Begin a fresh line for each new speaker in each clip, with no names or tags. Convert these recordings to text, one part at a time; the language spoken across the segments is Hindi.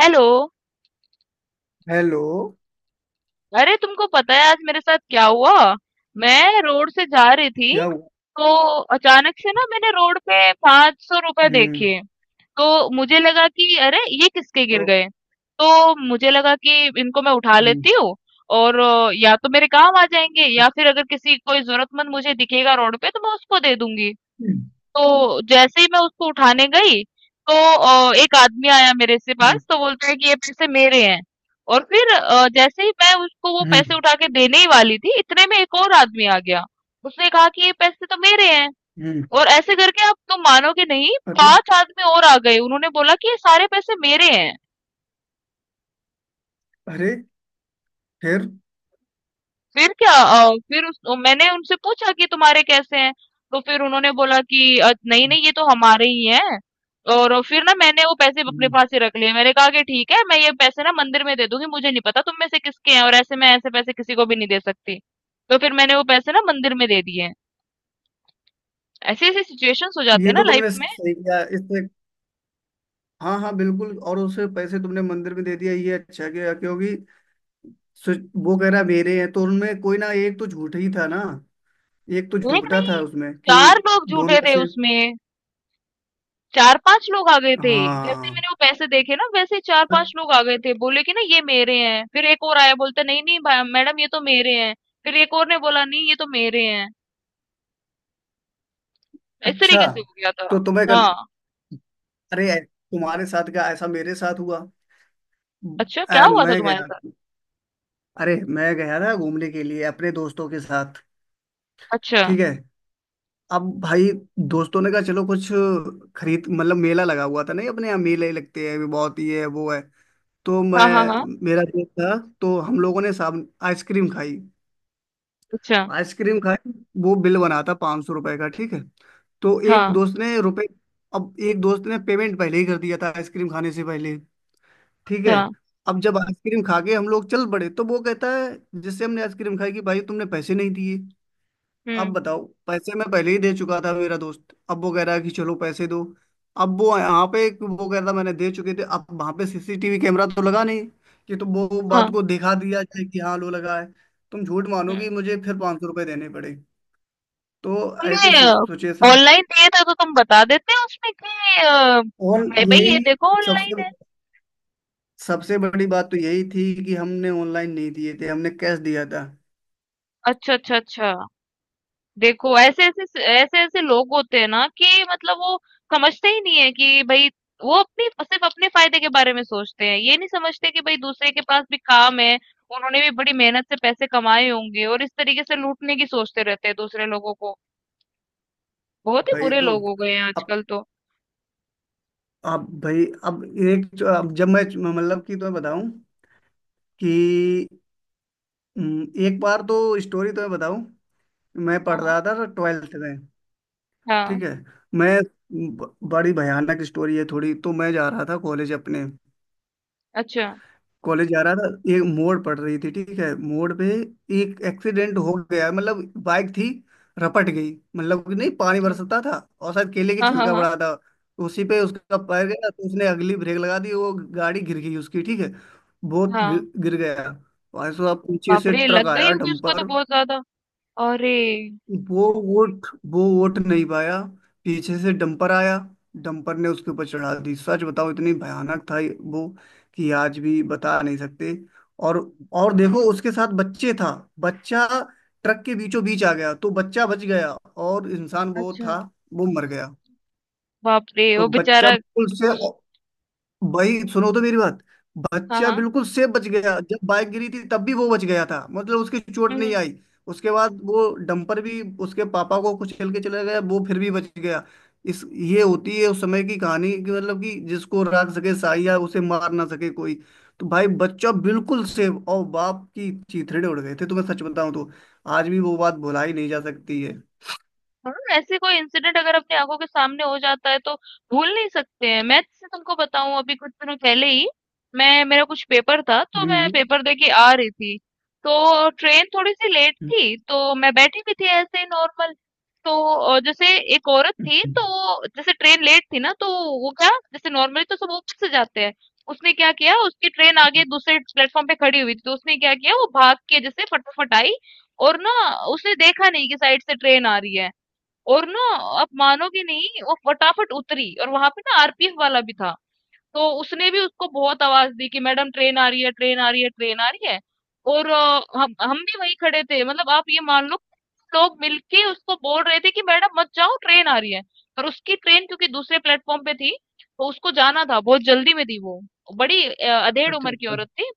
हेलो।
हेलो।
अरे, तुमको पता है आज मेरे साथ क्या हुआ? मैं रोड से जा रही थी।
क्या हुआ?
तो अचानक से ना मैंने रोड पे ₹500
हम्म।
देखे। तो मुझे लगा कि अरे ये किसके
ओ।
गिर गए। तो मुझे लगा कि इनको मैं उठा
हम्म।
लेती हूँ और या तो मेरे काम आ जाएंगे या फिर अगर किसी कोई जरूरतमंद मुझे दिखेगा रोड पे तो मैं उसको दे दूंगी।
हम्म।
तो जैसे ही मैं उसको उठाने गई तो एक आदमी आया मेरे से पास
हम्म।
तो बोलता है कि ये पैसे मेरे हैं। और फिर जैसे ही मैं उसको वो पैसे
हम्म,
उठा के देने ही वाली थी इतने में एक और आदमी आ गया। उसने कहा कि ये पैसे तो मेरे हैं।
हम्म,
और ऐसे करके आप तुम मानोगे नहीं,
अरे।
पांच आदमी और आ गए, उन्होंने बोला कि ये सारे पैसे मेरे हैं।
अरे। फिर
फिर क्या, मैंने उनसे पूछा कि तुम्हारे कैसे हैं। तो फिर उन्होंने बोला कि नहीं नहीं ये तो हमारे ही हैं।" और फिर ना मैंने वो पैसे अपने
हम्म,
पास ही रख लिए। मैंने कहा कि ठीक है, मैं ये पैसे ना मंदिर में दे दूंगी, मुझे नहीं पता तुम में से किसके हैं, और ऐसे मैं ऐसे पैसे किसी को भी नहीं दे सकती। तो फिर मैंने वो पैसे ना मंदिर में दे दिए। ऐसी ऐसी सिचुएशंस हो जाती है
ये
ना
तो
लाइफ
तुमने
में।
सही किया इससे। हाँ हाँ, बिल्कुल। और उसे पैसे तुमने मंदिर में दे दिया ये अच्छा किया, क्योंकि सु- वो कह रहा मेरे हैं तो उनमें कोई ना एक तो झूठ ही था ना। एक तो
एक
झूठा
नहीं,
था उसमें कि
चार लोग
दोनों
झूठे
में
थे
से।
उसमें। चार पांच लोग आ गए थे। जैसे
हाँ।
मैंने वो पैसे देखे ना वैसे ही चार पांच
अ-
लोग आ गए थे, बोले कि ना ये मेरे हैं। फिर एक और आया बोलता नहीं नहीं मैडम ये तो मेरे हैं। फिर एक और ने बोला नहीं ये तो मेरे हैं। इस
अच्छा।
तरीके से हो गया था।
तो तुम्हें कर,
हाँ।
अरे तुम्हारे साथ क्या ऐसा मेरे साथ हुआ।
अच्छा, क्या
अ,
हुआ था
मैं
तुम्हारे
गया
साथ?
अरे मैं गया था घूमने के लिए अपने दोस्तों के साथ।
अच्छा।
ठीक है, अब भाई दोस्तों ने कहा चलो कुछ खरीद, मतलब मेला लगा हुआ था नहीं, अपने यहाँ मेले लगते हैं भी बहुत, ये है वो है। तो मैं
हाँ हाँ हाँ।
मेरा दोस्त था तो हम लोगों ने साब आइसक्रीम खाई।
अच्छा।
आइसक्रीम खाई वो बिल बना था 500 रुपए का, ठीक है। तो एक
हाँ।
दोस्त ने रुपए, अब एक दोस्त ने पेमेंट पहले ही कर दिया था आइसक्रीम खाने से पहले, ठीक है।
अच्छा।
अब जब आइसक्रीम खा के हम लोग चल पड़े तो वो कहता है जिससे हमने आइसक्रीम खाई कि भाई तुमने पैसे नहीं दिए। अब
हम्म।
बताओ, पैसे मैं पहले ही दे चुका था मेरा दोस्त, अब वो कह रहा है कि चलो पैसे दो। अब वो यहाँ पे एक, वो कह रहा था मैंने दे चुके थे, अब वहां पे सीसीटीवी कैमरा तो लगा नहीं कि तो वो बात
हाँ।
को दिखा दिया जाए कि हाँ लो लगा है। तुम झूठ
हम्म।
मानोगी, मुझे फिर 500 रुपये देने पड़े। तो ऐसी
तुमने
सिचुएशन।
ऑनलाइन दिए थे तो तुम बता देते उसमें कि
और
मैं, भाई ये
यही,
देखो ऑनलाइन
सबसे
है।
सबसे बड़ी बात तो यही थी कि हमने ऑनलाइन नहीं दिए थे, हमने कैश दिया था।
अच्छा अच्छा अच्छा। देखो ऐसे ऐसे ऐसे ऐसे लोग होते हैं ना कि मतलब वो समझते ही नहीं है कि भाई, वो अपनी सिर्फ अपने फायदे के बारे में सोचते हैं, ये नहीं समझते कि भाई दूसरे के पास भी काम है। उन्होंने भी बड़ी मेहनत से पैसे कमाए होंगे और इस तरीके से लूटने की सोचते रहते हैं दूसरे लोगों को। बहुत ही
भाई
बुरे
तो
लोग हो गए हैं
अब,
आजकल तो।
भाई अब एक, अब जब मैं, मतलब कि तुम्हें बताऊं कि एक बार तो स्टोरी तो मैं बताऊं। मैं पढ़
हाँ
रहा था 12th में,
हाँ।
ठीक है। मैं बड़ी भयानक स्टोरी है थोड़ी। तो मैं जा रहा था कॉलेज अपने,
अच्छा।
कॉलेज जा रहा था। एक मोड़ पड़ रही थी, ठीक है, मोड़ पे एक एक्सीडेंट हो गया। मतलब बाइक थी, रपट गई, मतलब कि नहीं पानी
ठीक।
बरसता था और शायद केले की
हाँ हाँ
छिलका
हाँ।
पड़ा था। उसी पे उसका पैर गया तो उसने अगली ब्रेक लगा दी, वो गाड़ी गिर गई उसकी, ठीक है। बहुत
हाँ,
गिर गया। भाई साहब, पीछे
बाप
से
रे
ट्रक
लग गई
आया,
होगी उसको तो
डंपर।
बहुत ज्यादा। अरे।
वो वोट वो वोट नहीं पाया। पीछे से डंपर आया, डंपर ने उसके ऊपर चढ़ा दी। सच बताओ, इतनी भयानक था वो कि आज भी बता नहीं सकते। और देखो, उसके साथ बच्चे था, बच्चा ट्रक के बीचों बीच आ गया तो बच्चा बच गया। और इंसान वो
अच्छा।
था, वो मर गया।
बाप रे,
तो
वो बेचारा।
बच्चा बिल्कुल से,
उस-
भाई सुनो तो मेरी बात,
हाँ
बच्चा
हाँ।
बिल्कुल सेफ बच गया। जब बाइक गिरी थी तब भी वो बच गया था, मतलब उसकी चोट
हम्म,
नहीं
हम्म।
आई। उसके बाद वो डंपर भी उसके पापा को कुचल के चला गया, वो फिर भी बच गया। इस ये होती है उस समय की कहानी कि मतलब कि जिसको राख सके साई या उसे मार ना सके कोई। तो भाई बच्चा बिल्कुल सेफ और बाप की चीथड़े उड़ गए थे, तुम्हें सच बताऊं तो आज भी वो बात भुलाई नहीं जा सकती है।
हाँ, ऐसे कोई इंसिडेंट अगर अपनी आंखों के सामने हो जाता है तो भूल नहीं सकते हैं। मैं जैसे तुमको बताऊं, अभी कुछ दिनों पहले ही मैं, मेरा कुछ पेपर था तो मैं
हम्म।
पेपर दे के आ रही थी। तो ट्रेन थोड़ी सी लेट
हम्म,
थी तो मैं बैठी भी थी ऐसे ही नॉर्मल। तो जैसे एक औरत
हम्म,
थी,
हम्म,
तो जैसे ट्रेन लेट थी ना तो वो क्या, जैसे नॉर्मली तो सब ऊपर से जाते हैं, उसने क्या किया, उसकी ट्रेन आगे
हम्म,
दूसरे प्लेटफॉर्म पे खड़ी हुई थी, तो उसने क्या किया, वो भाग के जैसे फटाफट आई और ना उसने देखा नहीं कि साइड से ट्रेन आ रही है। और ना आप मानोगे नहीं, वो फटाफट उतरी और वहां पे ना आरपीएफ वाला भी था, तो उसने भी उसको बहुत आवाज दी कि मैडम ट्रेन आ रही है ट्रेन आ रही है ट्रेन आ रही है। और हम भी वहीं खड़े थे, मतलब आप ये मान लो, लोग मिलके उसको बोल रहे थे कि मैडम मत जाओ ट्रेन आ रही है। पर उसकी ट्रेन क्योंकि दूसरे प्लेटफॉर्म पे थी तो उसको जाना था, बहुत जल्दी में थी वो। बड़ी अधेड़
अच्छा
उम्र की
अच्छा।
औरत थी।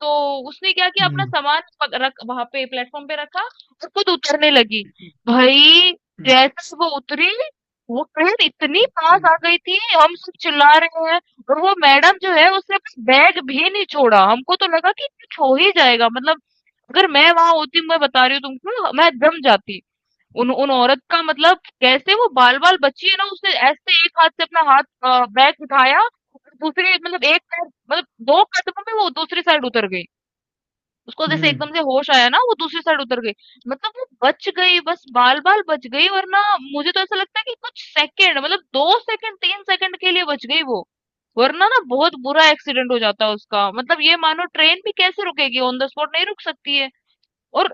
तो उसने क्या किया, अपना
हम्म।
सामान रख वहां पे प्लेटफॉर्म पे रखा और खुद उतरने लगी। भाई
हम्म।
जैसे वो उतरी, वो ट्रेन इतनी पास
हम्म,
आ गई थी, हम सब चिल्ला रहे हैं, और वो मैडम जो है उसने अपना बैग भी नहीं छोड़ा। हमको तो लगा कि कुछ हो ही जाएगा, मतलब अगर मैं वहां होती, मैं बता रही हूँ तुमको, मैं दम जाती। उन उन औरत का मतलब, कैसे वो बाल बाल बची है ना, उसने ऐसे एक हाथ से अपना हाथ बैग उठाया और दूसरी, मतलब एक पैर मतलब दो कदमों में वो दूसरी साइड उतर गई। उसको जैसे
हम्म,
एकदम से होश आया ना, वो दूसरी साइड उतर गई। मतलब वो बच गई, बस बाल बाल बच गई, वरना मुझे तो ऐसा लगता है कि कुछ सेकंड, मतलब 2 सेकंड 3 सेकंड के लिए बच गई वो। वरना ना बहुत बुरा एक्सीडेंट हो जाता उसका, मतलब ये मानो ट्रेन भी कैसे रुकेगी, ऑन द स्पॉट नहीं रुक सकती है। और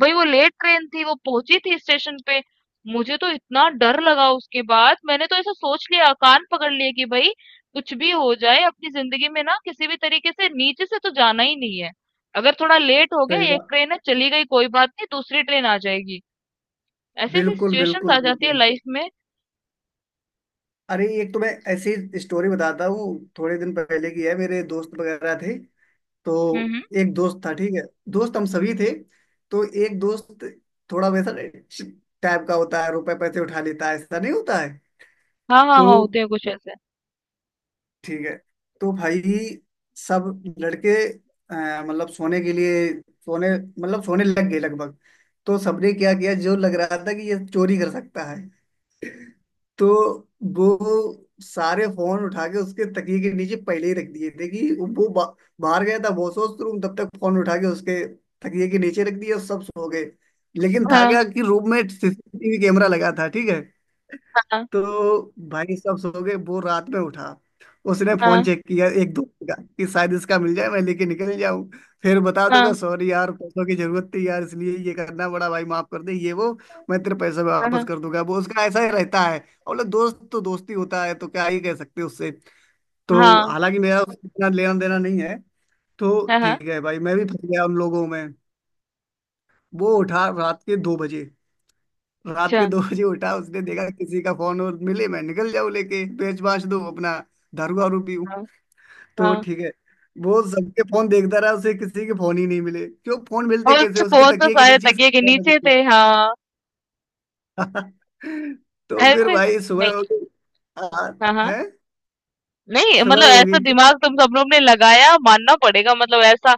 भई वो लेट ट्रेन थी, वो पहुंची थी स्टेशन पे। मुझे तो इतना डर लगा उसके बाद, मैंने तो ऐसा सोच लिया, कान पकड़ लिए कि भई कुछ भी हो जाए अपनी जिंदगी में ना किसी भी तरीके से नीचे से तो जाना ही नहीं है। अगर थोड़ा लेट हो गया,
सही
एक
बात।
ट्रेन है चली गई कोई बात नहीं, दूसरी ट्रेन आ जाएगी। ऐसी ऐसी
बिल्कुल
सिचुएशंस
बिल्कुल
आ जाती है
बिल्कुल।
लाइफ में।
अरे, एक तो मैं ऐसी स्टोरी बताता हूँ, थोड़े दिन पहले की है। मेरे दोस्त वगैरह थे तो,
हम्म हम्म।
एक दोस्त था, ठीक है, दोस्त हम सभी थे। तो एक दोस्त थोड़ा वैसा टाइप का होता है, रुपए पैसे उठा लेता है, ऐसा नहीं होता है
हाँ, हाँ,
तो,
हाँ, होते हैं कुछ ऐसे।
ठीक है। तो भाई सब लड़के मतलब सोने के लिए, सोने मतलब सोने लग गए लगभग। तो सबने क्या किया, जो लग रहा था कि ये चोरी कर सकता है, तो वो सारे फोन उठा के उसके तकिए के नीचे पहले ही रख दिए थे। कि वो बाहर गया था वॉशवॉश रूम, तब तक फोन उठा के उसके तकिए के नीचे रख दिए और सब सो गए। लेकिन था
हाँ,
क्या कि रूम में सीसीटीवी कैमरा लगा था, ठीक है।
हाँ,
तो भाई सब सो गए, वो रात में उठा। उसने
हाँ,
फोन चेक किया एक दोस्त का, कि शायद इसका मिल जाए, मैं लेके निकल जाऊं, फिर बता
हाँ,
दूंगा सॉरी यार पैसों की जरूरत थी यार इसलिए ये करना पड़ा, भाई माफ कर दे, ये वो मैं तेरे पैसे
हाँ,
वापस
हाँ,
कर दूंगा। वो उसका ऐसा ही रहता है। और बोले, दोस्त तो दोस्ती होता है तो क्या ही कह सकते हैं उससे। तो
हाँ,
हालांकि मेरा उससे इतना लेना देना नहीं है, तो
हाँ, हाँ,
ठीक है भाई, मैं भी फंस गया उन लोगों में। वो उठा रात के 2 बजे। रात के
अच्छा,
दो बजे उठा, उसने देखा किसी का फोन और मिले, मैं निकल जाऊं लेके, पेच बांच दूं अपना, दारू वारू पीऊं,
हाँ,
तो
हाँ।
ठीक है। वो सबके फोन देखता रहा, उसे किसी के फोन ही नहीं मिले। क्यों फोन मिलते,
और
कैसे,
उसके
उसके
फोन तो
तकिए के
सारे
नीचे ही सब
तकिए के
फोन लगे
नीचे
थे।
थे। हाँ।
तो फिर
ऐसे।
भाई
नहीं।
सुबह हो गई। हाँ
हाँ हाँ।
है।
नहीं
सुबह
मतलब
हो
ऐसा
गई, ठीक
दिमाग तुम सब लोग ने लगाया, मानना पड़ेगा, मतलब ऐसा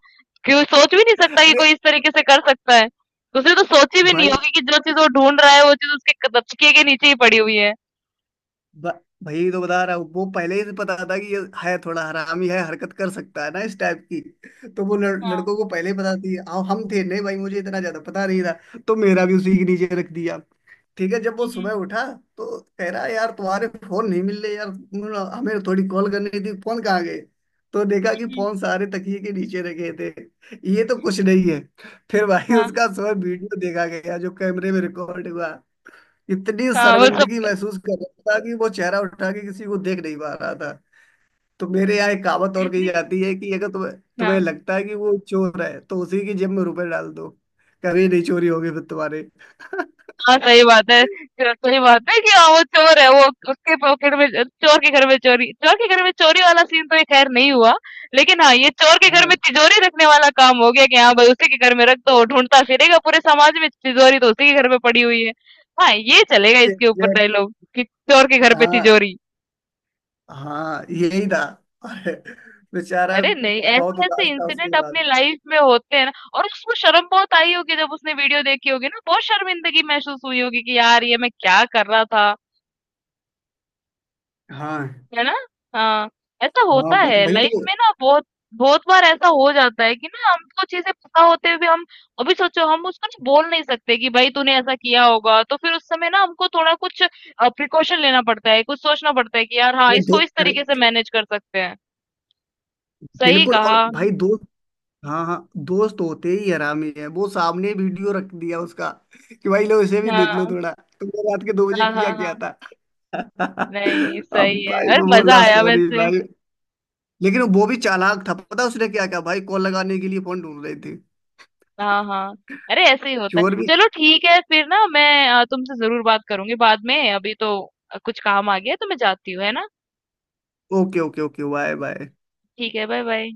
क्यों सोच भी नहीं
है।
सकता कि
अरे
कोई इस तरीके से कर सकता है। उसने तो सोची भी नहीं
भाई,
होगी कि जो चीज वो ढूंढ रहा है वो चीज उसके दबचके के नीचे ही पड़ी हुई है।
ब- भाई तो बता रहा हूँ, वो पहले ही से पता था कि ये है थोड़ा हरामी है, हरकत कर सकता है ना इस टाइप की। तो वो
हाँ।
लड़कों को पहले ही पता थी हाँ, हम थे नहीं भाई, मुझे इतना ज्यादा पता नहीं था, तो मेरा भी उसी के नीचे रख दिया। ठीक है, जब वो
हम्म,
सुबह उठा, तो कह रहा यार तुम्हारे फोन नहीं मिल रहे यार, तुम हमें थोड़ी कॉल करनी थी, फोन कहाँ गए। तो देखा कि
हम्म।
फोन सारे तकिए के नीचे रखे थे। ये तो कुछ नहीं है, फिर भाई
हाँ
उसका सुबह वीडियो देखा गया जो कैमरे में रिकॉर्ड हुआ। इतनी
हाँ वो सब
शर्मिंदगी महसूस कर रहा था कि वो चेहरा उठा के किसी को देख नहीं पा रहा था। तो मेरे यहाँ एक कहावत और कही
ऐसे।
जाती है कि अगर तुम्हें, तुम्हें लगता है कि वो चोर है तो उसी की जेब में रुपए डाल दो, कभी नहीं चोरी होगी फिर तुम्हारे।
हाँ, सही बात है। च सही बात है कि हाँ, वो चोर है, वो उसके पॉकेट में चोर के घर में चोरी, चोर के घर में चोरी वाला सीन तो ये खैर नहीं हुआ। लेकिन हाँ, ये चोर के घर में
हाँ,
तिजोरी रखने वाला काम हो गया कि हाँ भाई, उसी के घर में रख दो, वो ढूँढता फिरेगा पूरे समाज में, तिजोरी तो उसी के घर में पड़ी हुई है। हाँ, ये चलेगा इसके ऊपर
ये
डायलॉग कि चोर के घर पे
हाँ
तिजोरी।
हाँ यही था। अरे, बेचारा
अरे नहीं,
बहुत
ऐसे-ऐसे
उदास था
इंसिडेंट
उसके
अपने
बाद।
लाइफ में होते हैं ना। और उसको शर्म बहुत आई होगी जब उसने वीडियो देखी होगी ना, बहुत शर्मिंदगी महसूस हुई होगी कि यार ये मैं क्या कर रहा था।
हाँ
है ना। हाँ। ऐसा
हाँ,
होता
बत
है
भाई
लाइफ
तो
में ना बहुत, बहुत बार ऐसा हो जाता है कि ना हमको चीजें पता होते हुए भी हम, अभी सोचो हम उसको ना बोल नहीं सकते कि भाई तूने ऐसा किया होगा, तो फिर उस समय ना हमको थोड़ा कुछ प्रिकॉशन लेना पड़ता है, कुछ सोचना पड़ता है कि यार हाँ
ये दो,
इसको इस
अरे
तरीके से मैनेज कर सकते हैं। सही
बिल्कुल,
कहा।
और भाई दो, हाँ हाँ, दोस्त होते ही हरामी है, वो सामने वीडियो रख दिया उसका कि भाई लो इसे भी देख लो
हाँ
थोड़ा, तुमने रात के 2 बजे
हाँ
किया
हाँ हाँ।
क्या था।
नहीं
अब
सही है,
भाई
अरे
वो
मजा
बोला
आया
सॉरी
वैसे।
भाई। लेकिन वो भी चालाक था, पता उसने क्या क्या, भाई कॉल लगाने के लिए फोन ढूंढ रहे थे
हाँ हाँ। अरे ऐसे ही होता है।
चोर भी।
चलो ठीक है, फिर ना मैं तुमसे जरूर बात करूंगी बाद में, अभी तो कुछ काम आ गया है, तो मैं जाती हूँ, है ना।
Okay okay okay bye bye.
ठीक है, बाय बाय।